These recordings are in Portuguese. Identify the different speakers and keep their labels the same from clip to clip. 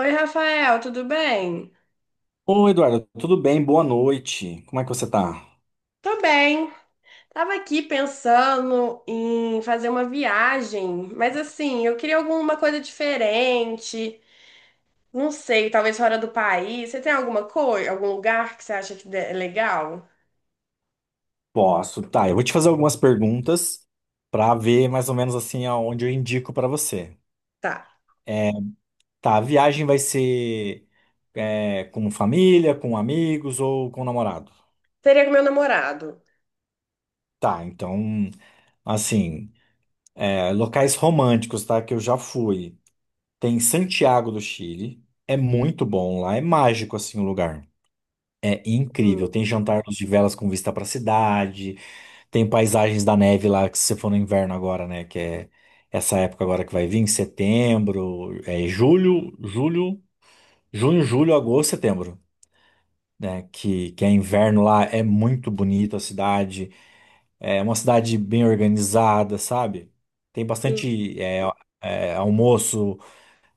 Speaker 1: Oi, Rafael, tudo bem?
Speaker 2: Ô, Eduardo, tudo bem? Boa noite. Como é que você tá?
Speaker 1: Tô bem. Tava aqui pensando em fazer uma viagem, mas assim, eu queria alguma coisa diferente. Não sei, talvez fora do país. Você tem alguma coisa, algum lugar que você acha que é legal?
Speaker 2: Posso, tá. Eu vou te fazer algumas perguntas pra ver mais ou menos assim aonde eu indico pra você.
Speaker 1: Tá.
Speaker 2: É, Tá, a viagem vai ser com família, com amigos ou com namorado?
Speaker 1: Seria com meu namorado.
Speaker 2: Tá, então, assim, locais românticos, tá? Que eu já fui. Tem Santiago do Chile. É muito bom lá, é mágico assim o lugar. É
Speaker 1: Hum.
Speaker 2: incrível. Tem jantares de velas com vista pra cidade. Tem paisagens da neve lá, que se você for no inverno agora, né? Que é essa época agora que vai vir, em setembro, é julho, julho, junho, julho, agosto, setembro, né? Que é inverno lá, é muito bonito a cidade, é uma cidade bem organizada, sabe? Tem
Speaker 1: Sim.
Speaker 2: bastante almoço,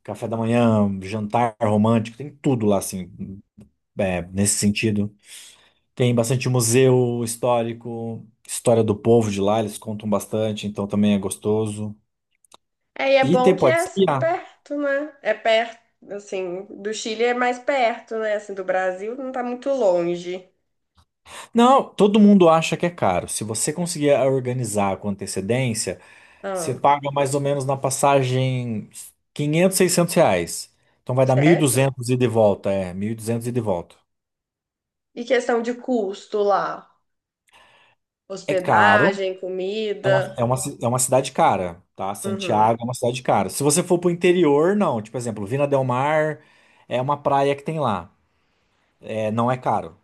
Speaker 2: café da manhã, jantar romântico, tem tudo lá, assim, nesse sentido. Tem bastante museu histórico, história do povo de lá, eles contam bastante, então também é gostoso.
Speaker 1: É, e é
Speaker 2: E
Speaker 1: bom
Speaker 2: tem,
Speaker 1: que
Speaker 2: pode
Speaker 1: é assim,
Speaker 2: esquiar.
Speaker 1: perto, né? É perto, assim, do Chile é mais perto, né? Assim, do Brasil não tá muito longe.
Speaker 2: Não, todo mundo acha que é caro. Se você conseguir organizar com antecedência, você
Speaker 1: Ah,
Speaker 2: paga mais ou menos na passagem 500, 600 reais. Então vai dar
Speaker 1: certo?
Speaker 2: 1.200 ida e de volta, 1.200 ida e de volta.
Speaker 1: E questão de custo lá?
Speaker 2: É caro,
Speaker 1: Hospedagem, comida.
Speaker 2: é uma cidade cara, tá?
Speaker 1: Uhum.
Speaker 2: Santiago é uma cidade cara. Se você for pro interior, não. Tipo, exemplo, Vina del Mar é uma praia que tem lá. Não é caro,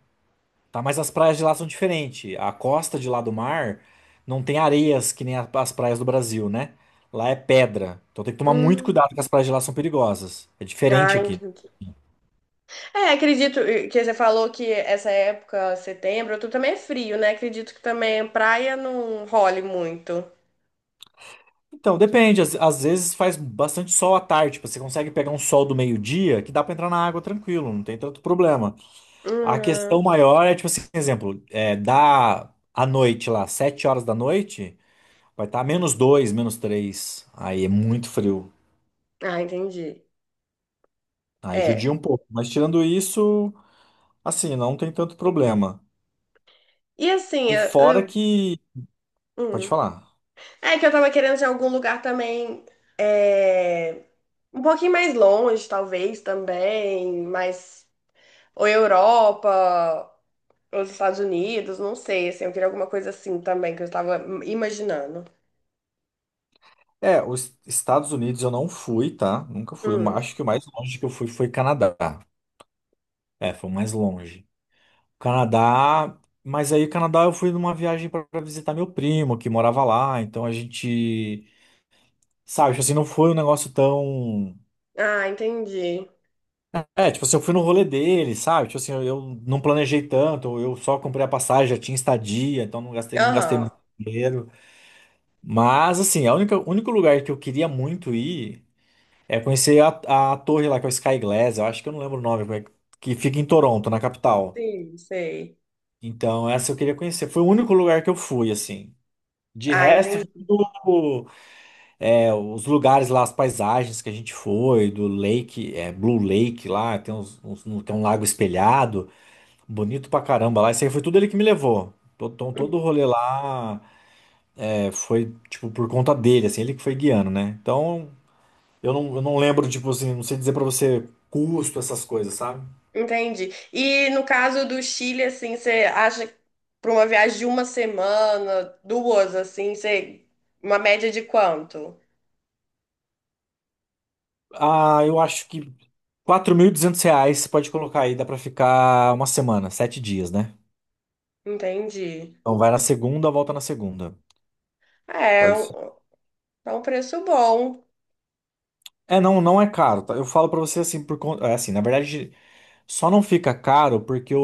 Speaker 2: tá? Mas as praias de lá são diferentes. A costa de lá do mar não tem areias que nem as praias do Brasil, né? Lá é pedra. Então tem que tomar muito
Speaker 1: Hum.
Speaker 2: cuidado que as praias de lá são perigosas. É
Speaker 1: Ah,
Speaker 2: diferente aqui.
Speaker 1: entendi. É, acredito que você falou que essa época, setembro, outubro também é frio, né? Acredito que também praia não role muito.
Speaker 2: Então, depende. Às vezes faz bastante sol à tarde. Tipo, você consegue pegar um sol do meio-dia que dá pra entrar na água tranquilo, não tem tanto problema. A questão
Speaker 1: Hum.
Speaker 2: maior é, tipo assim, exemplo, dá à noite lá, 7 horas da noite, vai estar menos dois, menos três. Aí é muito frio.
Speaker 1: Ah, entendi.
Speaker 2: Aí
Speaker 1: É.
Speaker 2: judia um pouco. Mas tirando isso, assim, não tem tanto problema.
Speaker 1: E assim,
Speaker 2: E fora que. Pode
Speaker 1: hum.
Speaker 2: falar.
Speaker 1: É que eu tava querendo de algum lugar também é, um pouquinho mais longe, talvez, também, mas ou Europa, ou dos Estados Unidos, não sei, assim, eu queria alguma coisa assim também, que eu estava imaginando.
Speaker 2: É, os Estados Unidos eu não fui, tá? Nunca fui. Eu
Speaker 1: Hum.
Speaker 2: acho que o mais longe que eu fui foi Canadá. É, foi o mais longe. Canadá. Mas aí, Canadá, eu fui numa viagem para visitar meu primo, que morava lá. Então a gente. Sabe, tipo assim, não foi um negócio tão.
Speaker 1: Ah, entendi.
Speaker 2: É, tipo assim, eu fui no rolê dele, sabe? Tipo assim, eu não planejei tanto, eu só comprei a passagem, já tinha estadia, então não gastei,
Speaker 1: Aham,
Speaker 2: muito dinheiro. Mas, assim, a única, o único lugar que eu queria muito ir é conhecer a torre lá, que é o Sky Glass, eu acho que eu não lembro o nome, mas que fica em Toronto, na capital.
Speaker 1: sim, sei.
Speaker 2: Então, essa eu queria conhecer. Foi o único lugar que eu fui, assim. De
Speaker 1: Ah,
Speaker 2: resto, foi
Speaker 1: entendi.
Speaker 2: tudo, os lugares lá, as paisagens que a gente foi, do Lake, é, Blue Lake lá, tem um lago espelhado, bonito pra caramba lá. Isso aí foi tudo ele que me levou. Então, todo
Speaker 1: Hum.
Speaker 2: o rolê lá foi, tipo, por conta dele, assim, ele que foi guiando, né? Então. Eu não lembro, tipo assim, não sei dizer pra você custo, essas coisas, sabe?
Speaker 1: Entendi. E no caso do Chile, assim, você acha para uma viagem de uma semana, duas, assim, você... uma média de quanto?
Speaker 2: Ah, eu acho que 4.200 reais você pode colocar aí, dá pra ficar uma semana, 7 dias, né?
Speaker 1: Entendi.
Speaker 2: Então vai na segunda, volta na segunda.
Speaker 1: É, é
Speaker 2: Pode ser.
Speaker 1: um é um preço bom.
Speaker 2: Não, não é caro, tá? Eu falo pra você assim, por conta. É assim, na verdade, só não fica caro porque o,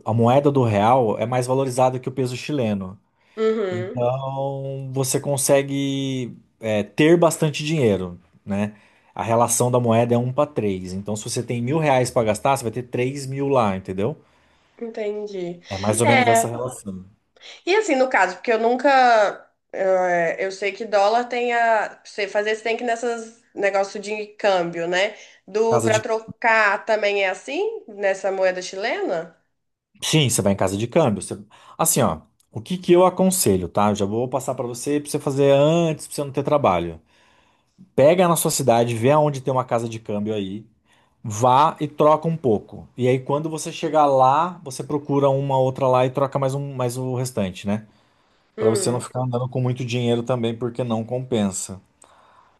Speaker 2: o- a moeda do real é mais valorizada que o peso chileno.
Speaker 1: Uhum,
Speaker 2: Então, você consegue ter bastante dinheiro, né? A relação da moeda é um para 3. Então, se você tem 1.000 reais para gastar, você vai ter 3.000 lá, entendeu?
Speaker 1: entendi.
Speaker 2: É mais ou menos essa
Speaker 1: É.
Speaker 2: relação.
Speaker 1: E assim, no caso, porque eu nunca. Eu sei que dólar tem a. Você fazer, você tem que ir nessas negócio de câmbio, né? Do
Speaker 2: Casa
Speaker 1: para
Speaker 2: de...
Speaker 1: trocar também é assim? Nessa moeda chilena?
Speaker 2: Sim, você vai em casa de câmbio. Você- Assim, ó, o que que eu aconselho, tá? Eu já vou passar para você fazer antes, para você não ter trabalho. Pega na sua cidade, vê aonde tem uma casa de câmbio aí, vá e troca um pouco. E aí, quando você chegar lá, você procura uma outra lá e troca mais um, mais o restante, né? Pra você não
Speaker 1: Hum,
Speaker 2: ficar andando com muito dinheiro também, porque não compensa.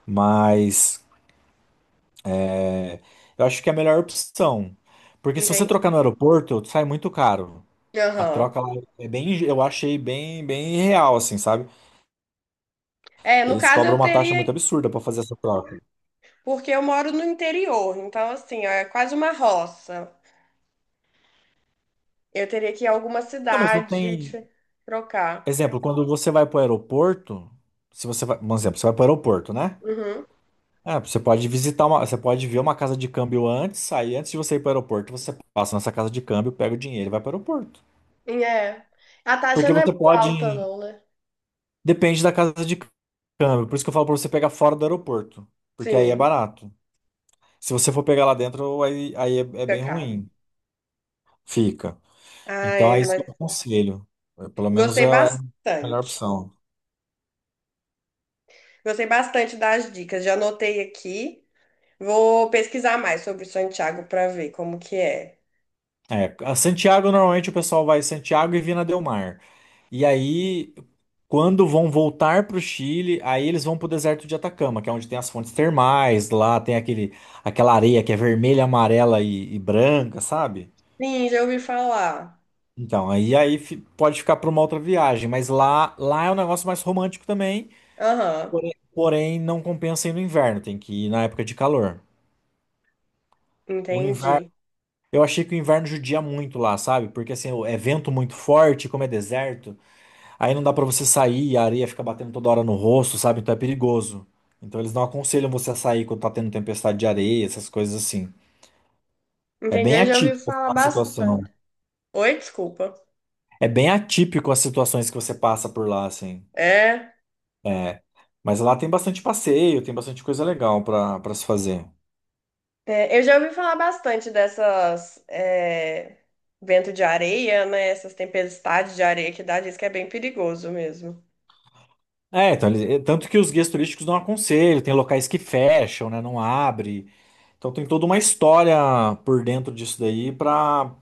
Speaker 2: Mas é, eu acho que é a melhor opção. Porque se você
Speaker 1: entendi.
Speaker 2: trocar no aeroporto, sai muito caro. A
Speaker 1: Aham.
Speaker 2: troca lá é bem, eu achei bem, bem real, assim, sabe?
Speaker 1: É, no
Speaker 2: Eles
Speaker 1: caso
Speaker 2: cobram
Speaker 1: eu
Speaker 2: uma taxa
Speaker 1: teria.
Speaker 2: muito absurda pra fazer essa troca.
Speaker 1: Porque eu moro no interior, então assim, ó, é quase uma roça. Eu teria que ir a alguma
Speaker 2: Não, mas não
Speaker 1: cidade
Speaker 2: tem.
Speaker 1: de- trocar.
Speaker 2: Exemplo, quando você vai para o aeroporto, se você vai, um exemplo, você vai para o aeroporto, né?
Speaker 1: Uhum.
Speaker 2: Ah, você pode visitar uma, você pode ver uma casa de câmbio antes, aí antes de você ir para o aeroporto, você passa nessa casa de câmbio, pega o dinheiro e vai para o aeroporto.
Speaker 1: E É. A taxa
Speaker 2: Porque
Speaker 1: não é
Speaker 2: você
Speaker 1: muito alta,
Speaker 2: pode,
Speaker 1: não, né?
Speaker 2: depende da casa de câmbio, por isso que eu falo para você pegar fora do aeroporto, porque aí é
Speaker 1: Sim,
Speaker 2: barato. Se você for pegar lá dentro, aí é, bem
Speaker 1: pecado.
Speaker 2: ruim, fica. Então
Speaker 1: Ai,
Speaker 2: é isso que eu
Speaker 1: mas.
Speaker 2: aconselho. Pelo menos é
Speaker 1: Gostei
Speaker 2: é a melhor
Speaker 1: bastante.
Speaker 2: opção.
Speaker 1: Gostei bastante das dicas. Já anotei aqui. Vou pesquisar mais sobre Santiago para ver como que é.
Speaker 2: É, a Santiago normalmente o pessoal vai Santiago e Vina del Mar. E aí, quando vão voltar para o Chile, aí eles vão para o deserto de Atacama, que é onde tem as fontes termais, lá tem aquele, aquela areia que é vermelha, amarela e branca, sabe?
Speaker 1: Sim, já ouvi falar.
Speaker 2: Então, pode ficar para uma outra viagem, mas lá é um negócio mais romântico também,
Speaker 1: Aham,
Speaker 2: porém não compensa ir no inverno, tem que ir na época de calor. O inverno,
Speaker 1: entendi.
Speaker 2: eu achei que o inverno judia muito lá, sabe? Porque assim, é vento muito forte, como é deserto. Aí não dá pra você sair, a areia fica batendo toda hora no rosto, sabe? Então é perigoso. Então eles não aconselham você a sair quando tá tendo tempestade de areia, essas coisas assim. É
Speaker 1: Entendi,
Speaker 2: bem
Speaker 1: eu já ouvi
Speaker 2: atípico
Speaker 1: falar
Speaker 2: a situação.
Speaker 1: bastante. Oi, desculpa.
Speaker 2: É bem atípico as situações que você passa por lá, assim.
Speaker 1: É,
Speaker 2: É. Mas lá tem bastante passeio, tem bastante coisa legal pra, pra se fazer.
Speaker 1: eu já ouvi falar bastante dessas vento de areia, né? Essas tempestades de areia que dá, diz que é bem perigoso mesmo.
Speaker 2: É, então, eles- é, tanto que os guias turísticos não aconselham, tem locais que fecham, né? Não abre. Então tem toda uma história por dentro disso daí pra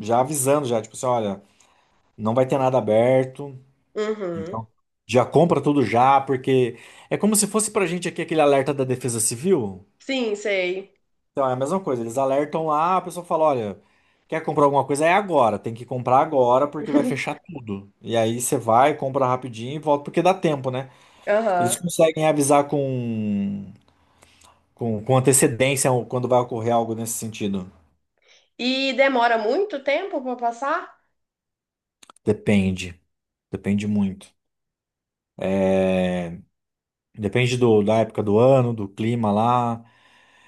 Speaker 2: já avisando, já, tipo assim, olha, não vai ter nada aberto.
Speaker 1: Uhum.
Speaker 2: Então, já compra tudo já, porque é como se fosse pra gente aqui aquele alerta da Defesa Civil.
Speaker 1: Sim, sei.
Speaker 2: Então, é a mesma coisa, eles alertam lá, a pessoa fala, olha, quer comprar alguma coisa? É agora, tem que comprar agora porque vai fechar tudo. E aí você vai, compra rapidinho e volta, porque dá tempo, né? Eles
Speaker 1: Aham.
Speaker 2: conseguem avisar com, com antecedência quando vai ocorrer algo nesse sentido.
Speaker 1: E demora muito tempo pra passar?
Speaker 2: Depende, depende muito. É, Depende do, da época do ano, do clima lá.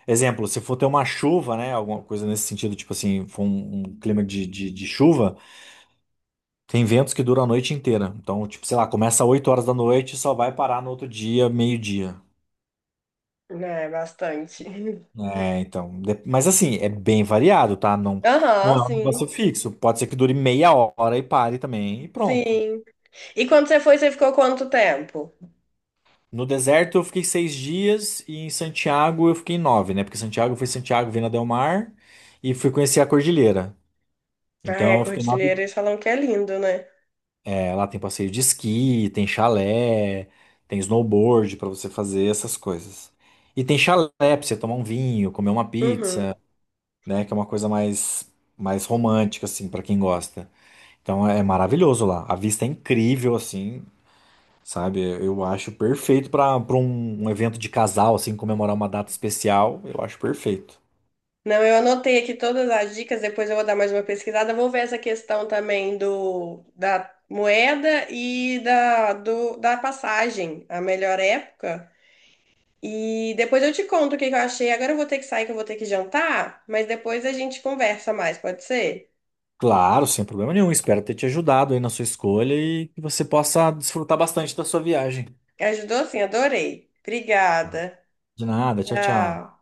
Speaker 2: Exemplo, se for ter uma chuva, né? Alguma coisa nesse sentido, tipo assim, for um clima de chuva, tem ventos que duram a noite inteira. Então, tipo, sei lá, começa 8 horas da noite e só vai parar no outro dia, meio-dia.
Speaker 1: É, bastante.
Speaker 2: É, então. Mas assim, é bem variado, tá? Não, não
Speaker 1: Aham,
Speaker 2: é um
Speaker 1: sim.
Speaker 2: negócio fixo. Pode ser que dure meia hora e pare também, e pronto.
Speaker 1: Sim. E quando você foi, você ficou quanto tempo?
Speaker 2: No deserto eu fiquei 6 dias e em Santiago eu fiquei nove, né? Porque Santiago foi Santiago, Vina del Mar e fui conhecer a cordilheira.
Speaker 1: Ah,
Speaker 2: Então
Speaker 1: a
Speaker 2: eu fiquei nove.
Speaker 1: cordilheira, eles falam que é lindo, né?
Speaker 2: Lá tem passeio de esqui, tem chalé, tem snowboard pra você fazer essas coisas. E tem chalé pra você tomar um vinho, comer uma
Speaker 1: Uhum.
Speaker 2: pizza, né? Que é uma coisa mais, mais romântica, assim, pra quem gosta. Então é maravilhoso lá. A vista é incrível, assim, sabe? Eu acho perfeito pra para um evento de casal, assim, comemorar uma data especial. Eu acho perfeito.
Speaker 1: Não, eu anotei aqui todas as dicas, depois eu vou dar mais uma pesquisada. Vou ver essa questão também do da moeda e da passagem, a melhor época. E depois eu te conto o que que eu achei. Agora eu vou ter que sair, que eu vou ter que jantar, mas depois a gente conversa mais, pode ser?
Speaker 2: Claro, sem problema nenhum. Espero ter te ajudado aí na sua escolha e que você possa desfrutar bastante da sua viagem.
Speaker 1: Ajudou sim, adorei.
Speaker 2: Tá.
Speaker 1: Obrigada.
Speaker 2: De nada, tchau, tchau.
Speaker 1: Tchau.